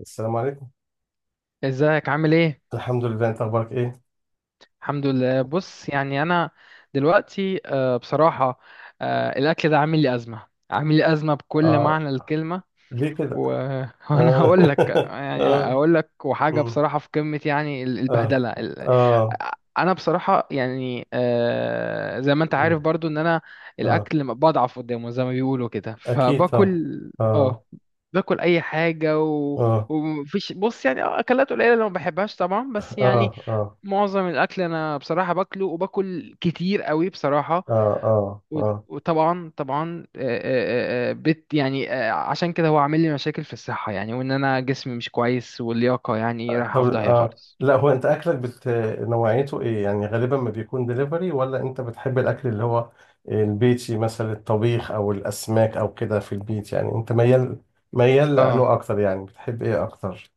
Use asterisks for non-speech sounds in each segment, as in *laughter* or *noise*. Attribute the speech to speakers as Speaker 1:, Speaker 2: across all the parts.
Speaker 1: السلام عليكم.
Speaker 2: ازيك عامل ايه؟
Speaker 1: الحمد لله، انت اخبارك ايه؟
Speaker 2: الحمد لله. بص، يعني انا دلوقتي، بصراحة، الاكل ده عامل لي ازمة، عامل لي ازمة بكل
Speaker 1: اه.
Speaker 2: معنى الكلمة.
Speaker 1: ليه
Speaker 2: و...
Speaker 1: كده؟
Speaker 2: *laughs* وانا
Speaker 1: اه.
Speaker 2: هقول لك
Speaker 1: *laughs*
Speaker 2: يعني
Speaker 1: اه.
Speaker 2: هقول لك وحاجه
Speaker 1: مم.
Speaker 2: بصراحه في قمه، يعني
Speaker 1: اه.
Speaker 2: البهدله
Speaker 1: اه.
Speaker 2: انا بصراحه يعني، زي ما انت
Speaker 1: مم.
Speaker 2: عارف برضو ان انا
Speaker 1: اه.
Speaker 2: الاكل بضعف قدامه زي ما بيقولوا كده،
Speaker 1: اكيد طبعا.
Speaker 2: فباكل اه
Speaker 1: اه.
Speaker 2: باكل اي حاجه.
Speaker 1: اه.
Speaker 2: ومفيش، بص يعني، اكلات قليله اللي ما بحبهاش طبعا، بس يعني
Speaker 1: اه. اه.
Speaker 2: معظم الاكل انا بصراحه باكله، وباكل كتير قوي بصراحه.
Speaker 1: اه. اه.
Speaker 2: و-
Speaker 1: اه.
Speaker 2: وطبعا طبعا، آه، آه، آه، بت يعني آه، عشان كده هو عامل لي مشاكل في الصحة، يعني وان انا جسمي مش كويس واللياقة يعني رايحة
Speaker 1: طب
Speaker 2: في داهية
Speaker 1: اه،
Speaker 2: خالص.
Speaker 1: لا هو انت اكلك نوعيته ايه؟ يعني غالبا ما بيكون دليفري، ولا انت بتحب الاكل اللي هو البيتي، مثلا الطبيخ او الاسماك او كده في البيت؟ يعني انت ميال لانه
Speaker 2: اه
Speaker 1: اكتر؟ يعني بتحب ايه اكتر؟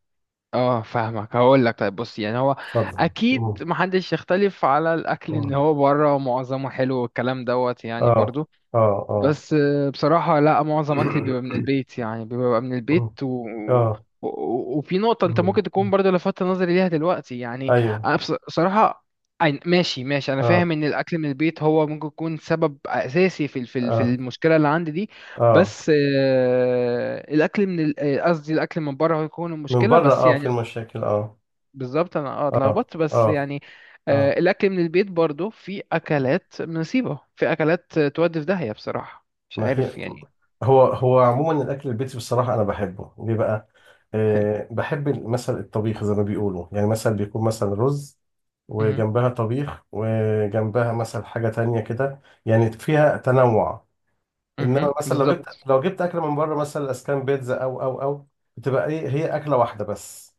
Speaker 2: اه، فاهمك. هقول لك، طيب، بص يعني هو
Speaker 1: اتفضل.
Speaker 2: اكيد
Speaker 1: مم.
Speaker 2: محدش يختلف على الاكل، ان
Speaker 1: مم.
Speaker 2: هو بره معظمه حلو والكلام دوت، يعني
Speaker 1: اه.
Speaker 2: برضو،
Speaker 1: اه. اه.
Speaker 2: بس بصراحة، لا، معظم أكلي بيبقى من
Speaker 1: *clears throat*
Speaker 2: البيت، يعني بيبقى من البيت.
Speaker 1: مم. اه.
Speaker 2: وفي نقطة أنت
Speaker 1: مم.
Speaker 2: ممكن تكون برضو لفتت نظري ليها دلوقتي، يعني
Speaker 1: ايوه.
Speaker 2: أنا، بصراحة، ماشي ماشي، أنا
Speaker 1: اه.
Speaker 2: فاهم إن الأكل من البيت هو ممكن يكون سبب أساسي في
Speaker 1: اه.
Speaker 2: المشكلة اللي عندي دي،
Speaker 1: اه.
Speaker 2: بس الأكل من قصدي، الأكل من بره، هو يكون
Speaker 1: من
Speaker 2: المشكلة،
Speaker 1: بره،
Speaker 2: بس
Speaker 1: اه، في
Speaker 2: يعني.
Speaker 1: المشاكل. اه.
Speaker 2: بالظبط، انا
Speaker 1: اه.
Speaker 2: اتلخبطت بس
Speaker 1: اه.
Speaker 2: يعني.
Speaker 1: اه.
Speaker 2: الاكل من البيت برضو في اكلات نصيبة، في اكلات تودي في داهية بصراحة، مش
Speaker 1: ما هي
Speaker 2: عارف يعني.
Speaker 1: هو عموما الاكل البيتي، بصراحه انا بحبه. ليه بقى؟
Speaker 2: حلو.
Speaker 1: آه، بحب مثلا الطبيخ، زي ما بيقولوا يعني، مثلا بيكون مثلا رز
Speaker 2: امم.
Speaker 1: وجنبها طبيخ، وجنبها مثلا حاجه تانية كده، يعني فيها تنوع. انما
Speaker 2: امم،
Speaker 1: مثلا لو جبت
Speaker 2: بالظبط.
Speaker 1: لو جبت اكل من بره، مثلا اسكان بيتزا او او، بتبقى ايه، هي اكله واحده بس.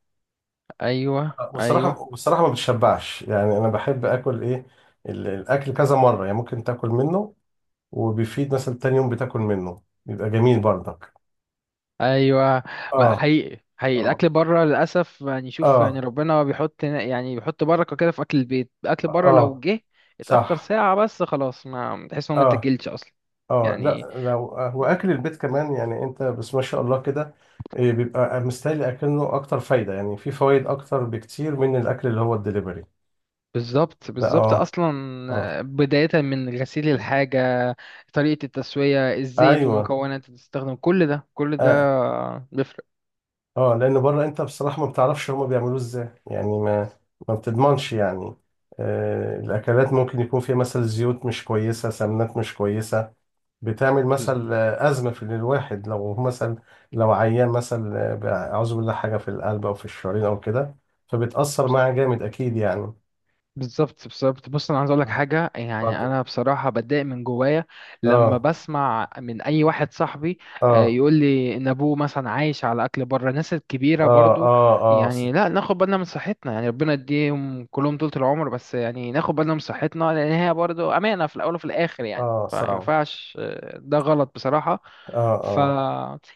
Speaker 2: ايوه
Speaker 1: والصراحه
Speaker 2: ايوه
Speaker 1: والصراحه ما بتشبعش، يعني انا بحب اكل ايه، الاكل كذا مره، يعني ممكن تاكل منه وبيفيد، مثلا تاني يوم بتاكل منه بيبقى جميل برضك.
Speaker 2: ايوه. ما
Speaker 1: اه.
Speaker 2: حقيقي حقيقي،
Speaker 1: اه.
Speaker 2: الاكل بره للاسف يعني، شوف يعني،
Speaker 1: اه.
Speaker 2: ربنا بيحط بركة كده في اكل البيت. الاكل بره لو
Speaker 1: اه.
Speaker 2: جه اتاخر
Speaker 1: صح.
Speaker 2: ساعة بس، خلاص، ما تحس ان هو ما
Speaker 1: اه.
Speaker 2: اتاكلش اصلا،
Speaker 1: اه،
Speaker 2: يعني.
Speaker 1: لا لو واكل البيت كمان، يعني انت بس ما شاء الله كده، إيه، بيبقى مستاهل، اكنه اكتر فايده، يعني في فوائد اكتر بكتير من الاكل اللي هو الدليفري.
Speaker 2: بالظبط
Speaker 1: لا
Speaker 2: بالظبط
Speaker 1: اه.
Speaker 2: اصلا،
Speaker 1: اه.
Speaker 2: بداية من غسيل الحاجة، طريقة التسوية، الزيت
Speaker 1: ايوه.
Speaker 2: والمكونات اللي تستخدم، كل ده كل ده
Speaker 1: اه.
Speaker 2: بيفرق.
Speaker 1: اه، لان بره انت بصراحه ما بتعرفش هما بيعملوه ازاي، يعني ما بتضمنش يعني. آه، الاكلات ممكن يكون فيها مثلا زيوت مش كويسه، سمنات مش كويسه، بتعمل مثلا ازمه في الواحد، لو مثلا لو عيان، مثلا اعوذ بالله، حاجه في القلب او في الشرايين او كده، فبتاثر معاه جامد اكيد يعني.
Speaker 2: بالظبط بالظبط. بص، انا عايز اقول لك
Speaker 1: اه.
Speaker 2: حاجه. يعني
Speaker 1: اتفضل.
Speaker 2: انا بصراحه بتضايق من جوايا لما
Speaker 1: اه.
Speaker 2: بسمع من اي واحد صاحبي،
Speaker 1: اه.
Speaker 2: يقول لي ان ابوه مثلا عايش على اكل بره. الناس
Speaker 1: اه.
Speaker 2: الكبيره برضو،
Speaker 1: اه. اه.
Speaker 2: يعني لا، ناخد بالنا من صحتنا، يعني ربنا يديهم كلهم طول العمر، بس يعني ناخد بالنا من صحتنا، لان هي برضو امانه في الاول وفي الاخر يعني.
Speaker 1: اه
Speaker 2: فما
Speaker 1: صعب.
Speaker 2: ينفعش، ده غلط بصراحه.
Speaker 1: اه.
Speaker 2: ف
Speaker 1: اه.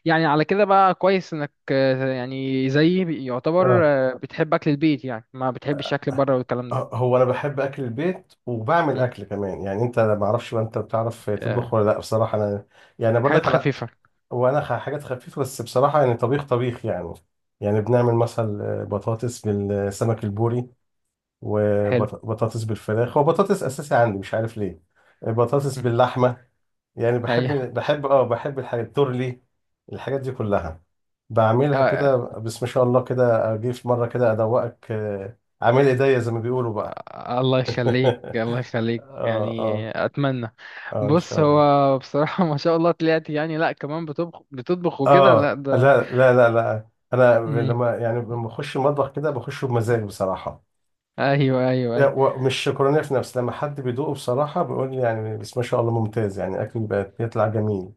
Speaker 2: يعني على كده بقى، كويس انك، يعني زيي، يعتبر،
Speaker 1: آه.
Speaker 2: بتحب اكل البيت، يعني ما بتحبش اكل بره والكلام ده.
Speaker 1: هو انا بحب اكل البيت، وبعمل
Speaker 2: مم.
Speaker 1: اكل كمان. يعني انت، أنا ما اعرفش بقى، انت بتعرف تطبخ
Speaker 2: آه،
Speaker 1: ولا لا؟ بصراحه انا يعني
Speaker 2: حاجات
Speaker 1: برضك على،
Speaker 2: خفيفة.
Speaker 1: وانا حاجات خفيفه بس بصراحه، يعني طبيخ يعني، يعني بنعمل مثلا بطاطس بالسمك البوري،
Speaker 2: حلو.
Speaker 1: وبطاطس بالفراخ. هو بطاطس اساسي عندي، مش عارف ليه. بطاطس
Speaker 2: مم.
Speaker 1: باللحمه، يعني
Speaker 2: أيوة.
Speaker 1: بحب، بحب الحاجات التورلي، الحاجات دي كلها
Speaker 2: آه،
Speaker 1: بعملها
Speaker 2: آه،
Speaker 1: كده. بس ما شاء الله كده، اجي في مره كده ادوقك، عامل ايديا زي ما بيقولوا بقى.
Speaker 2: الله يخليك الله
Speaker 1: اه.
Speaker 2: يخليك، يعني
Speaker 1: اه.
Speaker 2: أتمنى.
Speaker 1: اه ان
Speaker 2: بص،
Speaker 1: شاء الله.
Speaker 2: هو بصراحة *laughs* ما شاء الله طلعت، يعني لأ كمان بتطبخ بتطبخ وكده، لأ
Speaker 1: اه لا
Speaker 2: ده.
Speaker 1: لا لا لا، انا
Speaker 2: مم.
Speaker 1: لما لما اخش المطبخ كده بخش بمزاج بصراحه.
Speaker 2: أيوة أيوة أيوة.
Speaker 1: يعني ومش شكرانيه في نفسي، لما حد بيدوقه بصراحه بيقول لي يعني، بس ما شاء الله ممتاز يعني، اكل بقى بيطلع جميل.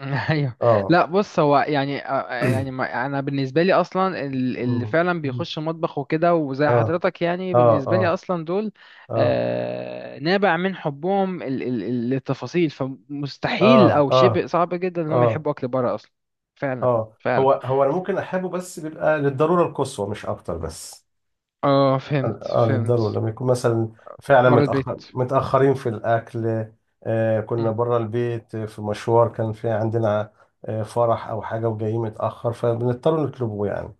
Speaker 2: *laughs* ايوه.
Speaker 1: اه.
Speaker 2: لا، بص هو يعني، يعني،
Speaker 1: *clears throat*
Speaker 2: انا بالنسبه لي اصلا، اللي
Speaker 1: أمم.
Speaker 2: فعلا بيخش مطبخ وكده وزي
Speaker 1: اه
Speaker 2: حضرتك، يعني
Speaker 1: اه.
Speaker 2: بالنسبه لي
Speaker 1: اه.
Speaker 2: اصلا دول
Speaker 1: اه.
Speaker 2: نابع من حبهم للتفاصيل، فمستحيل
Speaker 1: اه.
Speaker 2: او شبه
Speaker 1: اه.
Speaker 2: صعب جدا ان هم
Speaker 1: اه.
Speaker 2: يحبوا اكل بره اصلا. فعلا
Speaker 1: اه.
Speaker 2: فعلا.
Speaker 1: هو انا ممكن احبه، بس بيبقى للضروره القصوى مش اكتر بس.
Speaker 2: اه، فهمت
Speaker 1: اه، للضرورة،
Speaker 2: فهمت.
Speaker 1: لما يكون مثلا فعلا
Speaker 2: بره البيت.
Speaker 1: متأخر، متأخرين في الأكل. آه، كنا
Speaker 2: مم.
Speaker 1: بره البيت، في مشوار، كان في عندنا فرح أو حاجة، وجايين متأخر، فبنضطر نطلبه يعني.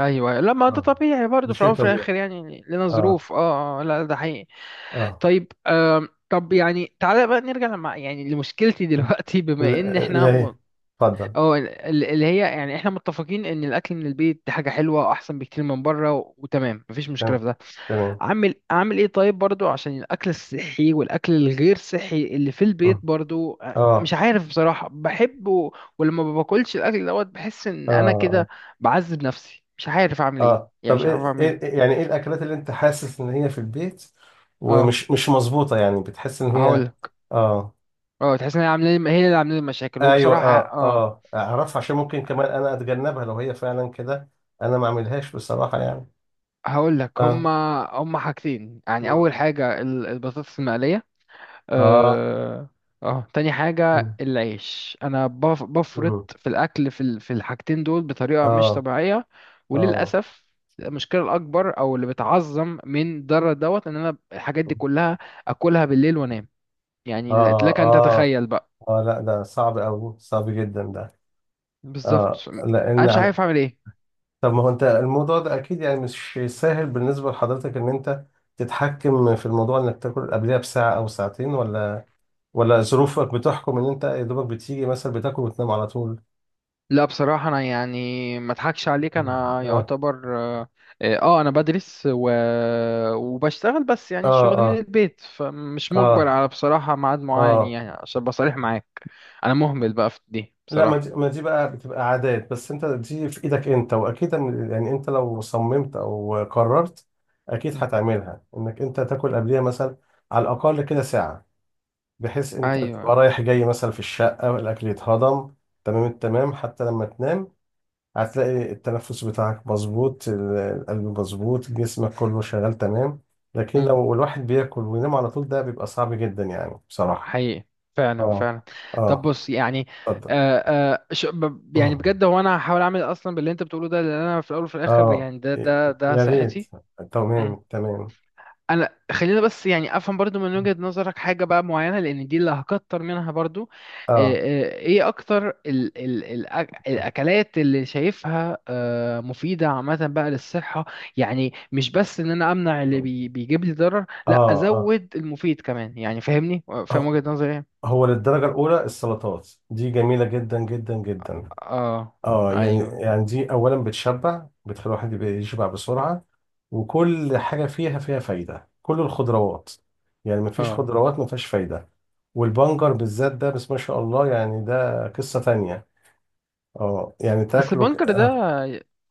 Speaker 2: ايوه أيوه. لا، ما ده
Speaker 1: اه.
Speaker 2: طبيعي
Speaker 1: ده
Speaker 2: برضه في الاول
Speaker 1: شيء
Speaker 2: وفي
Speaker 1: طبيعي.
Speaker 2: الاخر، يعني لنا
Speaker 1: اه.
Speaker 2: ظروف، لا ده حقيقي.
Speaker 1: اه.
Speaker 2: طيب، طب يعني تعالى بقى نرجع لما يعني لمشكلتي دلوقتي. *laughs* بما ان احنا
Speaker 1: ليه؟ اتفضل.
Speaker 2: اه، اللي هي يعني احنا متفقين ان الاكل من البيت دي حاجه حلوه واحسن بكتير من بره، وتمام، مفيش مشكله
Speaker 1: تمام
Speaker 2: في ده.
Speaker 1: تمام.
Speaker 2: اعمل ايه طيب؟ برضو عشان الاكل الصحي والاكل الغير صحي اللي في البيت،
Speaker 1: اه.
Speaker 2: برضو مش
Speaker 1: اه.
Speaker 2: عارف بصراحه بحبه، ولما ما باكلش الاكل دوت بحس ان انا
Speaker 1: اه.
Speaker 2: كده بعذب نفسي. مش عارف اعمل ايه،
Speaker 1: اه.
Speaker 2: يعني
Speaker 1: طب
Speaker 2: مش عارف
Speaker 1: ايه،
Speaker 2: اعمل
Speaker 1: إيه-
Speaker 2: ايه.
Speaker 1: إيه، يعني ايه الأكلات اللي أنت حاسس إن هي في البيت
Speaker 2: اه.
Speaker 1: ومش مش مظبوطة؟ يعني بتحس إن هي
Speaker 2: هقول
Speaker 1: اه،
Speaker 2: اه تحس ان هي اللي عامله لي مشاكل.
Speaker 1: ايوه،
Speaker 2: وبصراحه،
Speaker 1: اه اه. اعرفها، عشان ممكن كمان انا اتجنبها لو هي فعلا كده، انا ما اعملهاش بصراحه يعني.
Speaker 2: هقول لك، هما
Speaker 1: اه.
Speaker 2: هما حاجتين. يعني
Speaker 1: مم.
Speaker 2: اول حاجه، البطاطس المقليه.
Speaker 1: اه.
Speaker 2: اه. اه، تاني حاجه
Speaker 1: مم.
Speaker 2: العيش. انا بفرط
Speaker 1: مم.
Speaker 2: في الاكل، في الحاجتين دول بطريقه مش
Speaker 1: اه.
Speaker 2: طبيعيه.
Speaker 1: اه.
Speaker 2: وللاسف، المشكله الاكبر، او اللي بتعظم من ضرر دوت، ان انا الحاجات دي كلها اكلها بالليل وانام. يعني
Speaker 1: اه.
Speaker 2: لك ان
Speaker 1: اه.
Speaker 2: تتخيل بقى.
Speaker 1: اه لا، ده صعب قوي، صعب جدا ده. اه
Speaker 2: بالظبط. انا
Speaker 1: لان
Speaker 2: مش
Speaker 1: على،
Speaker 2: عارف اعمل ايه.
Speaker 1: طب ما هو انت الموضوع ده اكيد يعني مش سهل بالنسبه لحضرتك، ان انت تتحكم في الموضوع انك تاكل قبلها بساعه او ساعتين، ولا ظروفك بتحكم ان انت يا دوبك بتيجي مثلا بتاكل وتنام على طول.
Speaker 2: لا بصراحة أنا، يعني ما أضحكش عليك، أنا
Speaker 1: اه.
Speaker 2: يعتبر، أنا بدرس وبشتغل. بس
Speaker 1: اه.
Speaker 2: يعني الشغل من
Speaker 1: اه.
Speaker 2: البيت، فمش مجبر
Speaker 1: اه.
Speaker 2: على بصراحة ميعاد معين،
Speaker 1: اه
Speaker 2: يعني عشان أبقى صريح معاك، أنا مهمل بقى في دي
Speaker 1: لا، ما
Speaker 2: بصراحة.
Speaker 1: دي, ما دي بقى بتبقى عادات، بس انت دي في ايدك انت، واكيد يعني انت لو صممت او قررت اكيد
Speaker 2: م.
Speaker 1: هتعملها، انك انت تاكل قبليها مثلا على الاقل كده ساعة، بحيث انت تبقى
Speaker 2: أيوه.
Speaker 1: رايح جاي مثلا في الشقة والاكل يتهضم تمام التمام. حتى لما تنام هتلاقي التنفس بتاعك مظبوط، القلب مظبوط، جسمك كله شغال تمام. لكن
Speaker 2: م.
Speaker 1: لو الواحد بياكل وينام على طول، ده بيبقى صعب جدا يعني بصراحة.
Speaker 2: حقيقي. فعلا
Speaker 1: اه.
Speaker 2: فعلا. طب
Speaker 1: اه.
Speaker 2: بص يعني، آه يعني
Speaker 1: اتفضل.
Speaker 2: بجد، هو أنا هحاول أعمل أصلا باللي أنت بتقوله ده، لأن أنا في الأول وفي الآخر
Speaker 1: اه.
Speaker 2: يعني ده
Speaker 1: ي-
Speaker 2: ده ده
Speaker 1: يا ريت.
Speaker 2: صحتي.
Speaker 1: تمام تمام.
Speaker 2: انا خلينا بس، يعني افهم برضو من وجهة نظرك حاجة بقى معينة، لان دي اللي هكتر منها برضو،
Speaker 1: اه.
Speaker 2: ايه اكتر ال ال ال الاكلات اللي شايفها مفيدة عامة بقى للصحة؟ يعني مش بس ان انا امنع اللي بيجيب لي ضرر، لا،
Speaker 1: اه. اه.
Speaker 2: ازود المفيد كمان، يعني فاهمني، فاهم
Speaker 1: آه.
Speaker 2: وجهة نظري ايه.
Speaker 1: هو للدرجة الأولى السلطات دي جميلة جدا جدا جدا.
Speaker 2: اه.
Speaker 1: اه، يعني
Speaker 2: ايوه.
Speaker 1: يعني دي أولا بتشبع، بتخلي الواحد يبقى يشبع بسرعة، وكل حاجة فيها فايدة، كل الخضروات. يعني مفيش
Speaker 2: اه.
Speaker 1: خضروات مفيهاش فايدة. والبنجر بالذات ده بس ما شاء الله، يعني ده قصة تانية. اه يعني
Speaker 2: بس
Speaker 1: تاكله
Speaker 2: البنكر ده،
Speaker 1: آه.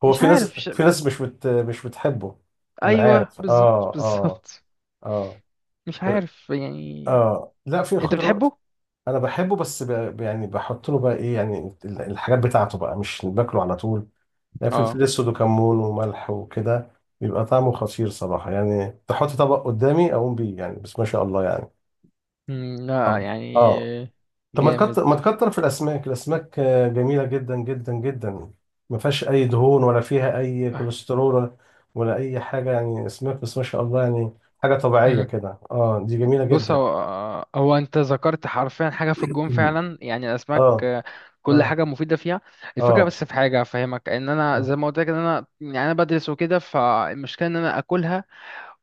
Speaker 1: هو
Speaker 2: مش
Speaker 1: في
Speaker 2: عارف
Speaker 1: ناس
Speaker 2: مش...
Speaker 1: في ناس مش بتحبه. انا
Speaker 2: ايوه
Speaker 1: عارف، اه
Speaker 2: بالظبط
Speaker 1: اه.
Speaker 2: بالظبط.
Speaker 1: اه.
Speaker 2: مش عارف يعني.
Speaker 1: اه لا، في
Speaker 2: انت
Speaker 1: خضار،
Speaker 2: بتحبه؟
Speaker 1: انا بحبه بس يعني بحط له بقى ايه يعني، الحاجات بتاعته بقى، مش باكله على طول. يعني فلفل
Speaker 2: اه.
Speaker 1: اسود وكمون وملح وكده بيبقى طعمه خطير صراحه، يعني تحط طبق قدامي اقوم بيه يعني، بس ما شاء الله يعني.
Speaker 2: مم، لا
Speaker 1: اه.
Speaker 2: يعني.
Speaker 1: اه. طب ما
Speaker 2: جامد.
Speaker 1: تكتر ما تكتر في الاسماك. الاسماك جميله جدا جدا جدا، ما فيهاش اي دهون، ولا فيها اي كوليسترول، ولا اي حاجه، يعني اسماك بس ما شاء الله يعني، حاجه طبيعيه
Speaker 2: مم.
Speaker 1: كده. اه، دي جميله
Speaker 2: بص،
Speaker 1: جدا.
Speaker 2: هو انت ذكرت حرفيا حاجه في الجون،
Speaker 1: *clears throat*
Speaker 2: فعلا يعني الاسماك،
Speaker 1: اه.
Speaker 2: كل
Speaker 1: اه.
Speaker 2: حاجه مفيده فيها. الفكره
Speaker 1: اه.
Speaker 2: بس، في حاجه افهمك، ان انا
Speaker 1: اه.
Speaker 2: زي ما قلت لك، ان انا بدرس وكده، فالمشكله ان انا اكلها،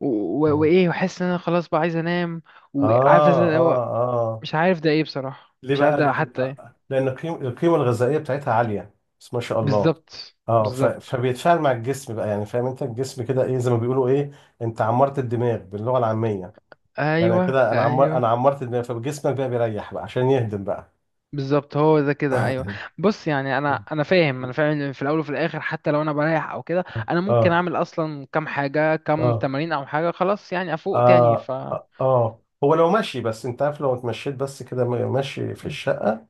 Speaker 2: و-
Speaker 1: اه.
Speaker 2: وايه، واحس ان انا خلاص بقى عايز انام،
Speaker 1: اه.
Speaker 2: وعارف إزاي اللي
Speaker 1: اه.
Speaker 2: هو،
Speaker 1: آه.
Speaker 2: مش عارف ده ايه بصراحه،
Speaker 1: ليه
Speaker 2: مش عارف
Speaker 1: بقى؟
Speaker 2: ده حتى ايه.
Speaker 1: لان القيمه الغذائيه بتاعتها عاليه، بس ما شاء الله.
Speaker 2: بالظبط
Speaker 1: اه
Speaker 2: بالظبط.
Speaker 1: فبيتفاعل مع الجسم بقى، يعني فاهم انت، الجسم كده ايه زي ما بيقولوا ايه، انت عمرت الدماغ باللغه العاميه، يعني
Speaker 2: ايوه
Speaker 1: كده انا
Speaker 2: ايوه.
Speaker 1: عمرت الدماغ، فجسمك بقى بيريح بقى، عشان يهدم بقى.
Speaker 2: بالظبط، هو ده كده، ايوه.
Speaker 1: *coughs*
Speaker 2: بص يعني، انا فاهم ان في الاول وفي الاخر، حتى لو انا بريح او كده، انا
Speaker 1: اه.
Speaker 2: ممكن
Speaker 1: اه.
Speaker 2: اعمل اصلا كام حاجه، كام تمارين او حاجه، خلاص يعني افوق تاني.
Speaker 1: اه. اه. اه. هو لو ماشي بس، انت عارف، لو اتمشيت بس كده ماشي في
Speaker 2: مم.
Speaker 1: الشقه،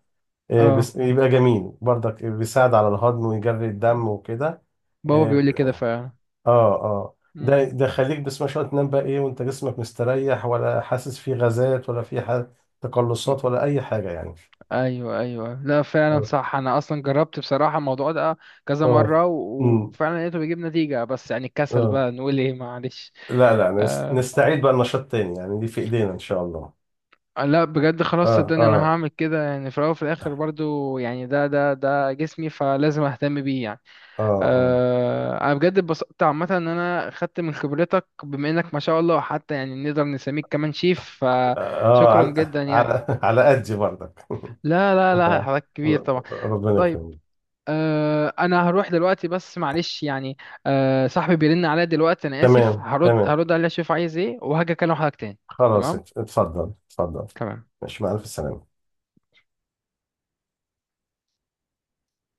Speaker 1: إيه، بس
Speaker 2: اه،
Speaker 1: يبقى جميل برضك، بيساعد على الهضم ويجري الدم وكده.
Speaker 2: بابا
Speaker 1: إيه.
Speaker 2: بيقول لي كده فعلا.
Speaker 1: اه اه، ده
Speaker 2: مم.
Speaker 1: ده خليك بس ما شاء الله تنام بقى ايه وانت جسمك مستريح، ولا حاسس فيه غازات، ولا فيه تقلصات، ولا اي حاجه يعني.
Speaker 2: ايوه ايوه. لا فعلا
Speaker 1: اه.
Speaker 2: صح، انا اصلا جربت بصراحه الموضوع ده كذا
Speaker 1: اه.
Speaker 2: مره،
Speaker 1: امم.
Speaker 2: وفعلا لقيته بيجيب نتيجه، بس يعني الكسل
Speaker 1: اه.
Speaker 2: بقى، نقول ايه؟ معلش.
Speaker 1: لا لا،
Speaker 2: آه.
Speaker 1: نستعيد بقى النشاط تاني، يعني دي في ايدينا ان شاء الله.
Speaker 2: لا بجد خلاص،
Speaker 1: اه.
Speaker 2: صدقني انا
Speaker 1: اه.
Speaker 2: هعمل كده. يعني في الاول وفي الاخر برضو يعني ده جسمي، فلازم اهتم بيه يعني.
Speaker 1: اه. اه.
Speaker 2: انا بجد اتبسطت عامه ان انا خدت من خبرتك، بما انك ما شاء الله حتى يعني نقدر نسميك كمان شيف.
Speaker 1: اه.
Speaker 2: فشكرا
Speaker 1: على
Speaker 2: جدا يعني.
Speaker 1: على *laughs* على قدي برضك.
Speaker 2: لا لا
Speaker 1: *laughs*
Speaker 2: لا،
Speaker 1: آه.
Speaker 2: حضرتك كبير طبعا.
Speaker 1: ربنا
Speaker 2: طيب.
Speaker 1: يكرمك.
Speaker 2: انا هروح دلوقتي بس، معلش يعني. صاحبي بيرن عليا دلوقتي، انا اسف،
Speaker 1: تمام
Speaker 2: هرد
Speaker 1: تمام.
Speaker 2: هرد عليه اشوف عايز ايه، وهاجي اكلم حضرتك تاني.
Speaker 1: خلاص،
Speaker 2: تمام
Speaker 1: اتفضل اتفضل.
Speaker 2: تمام.
Speaker 1: ماشي، مع ألف سلامة.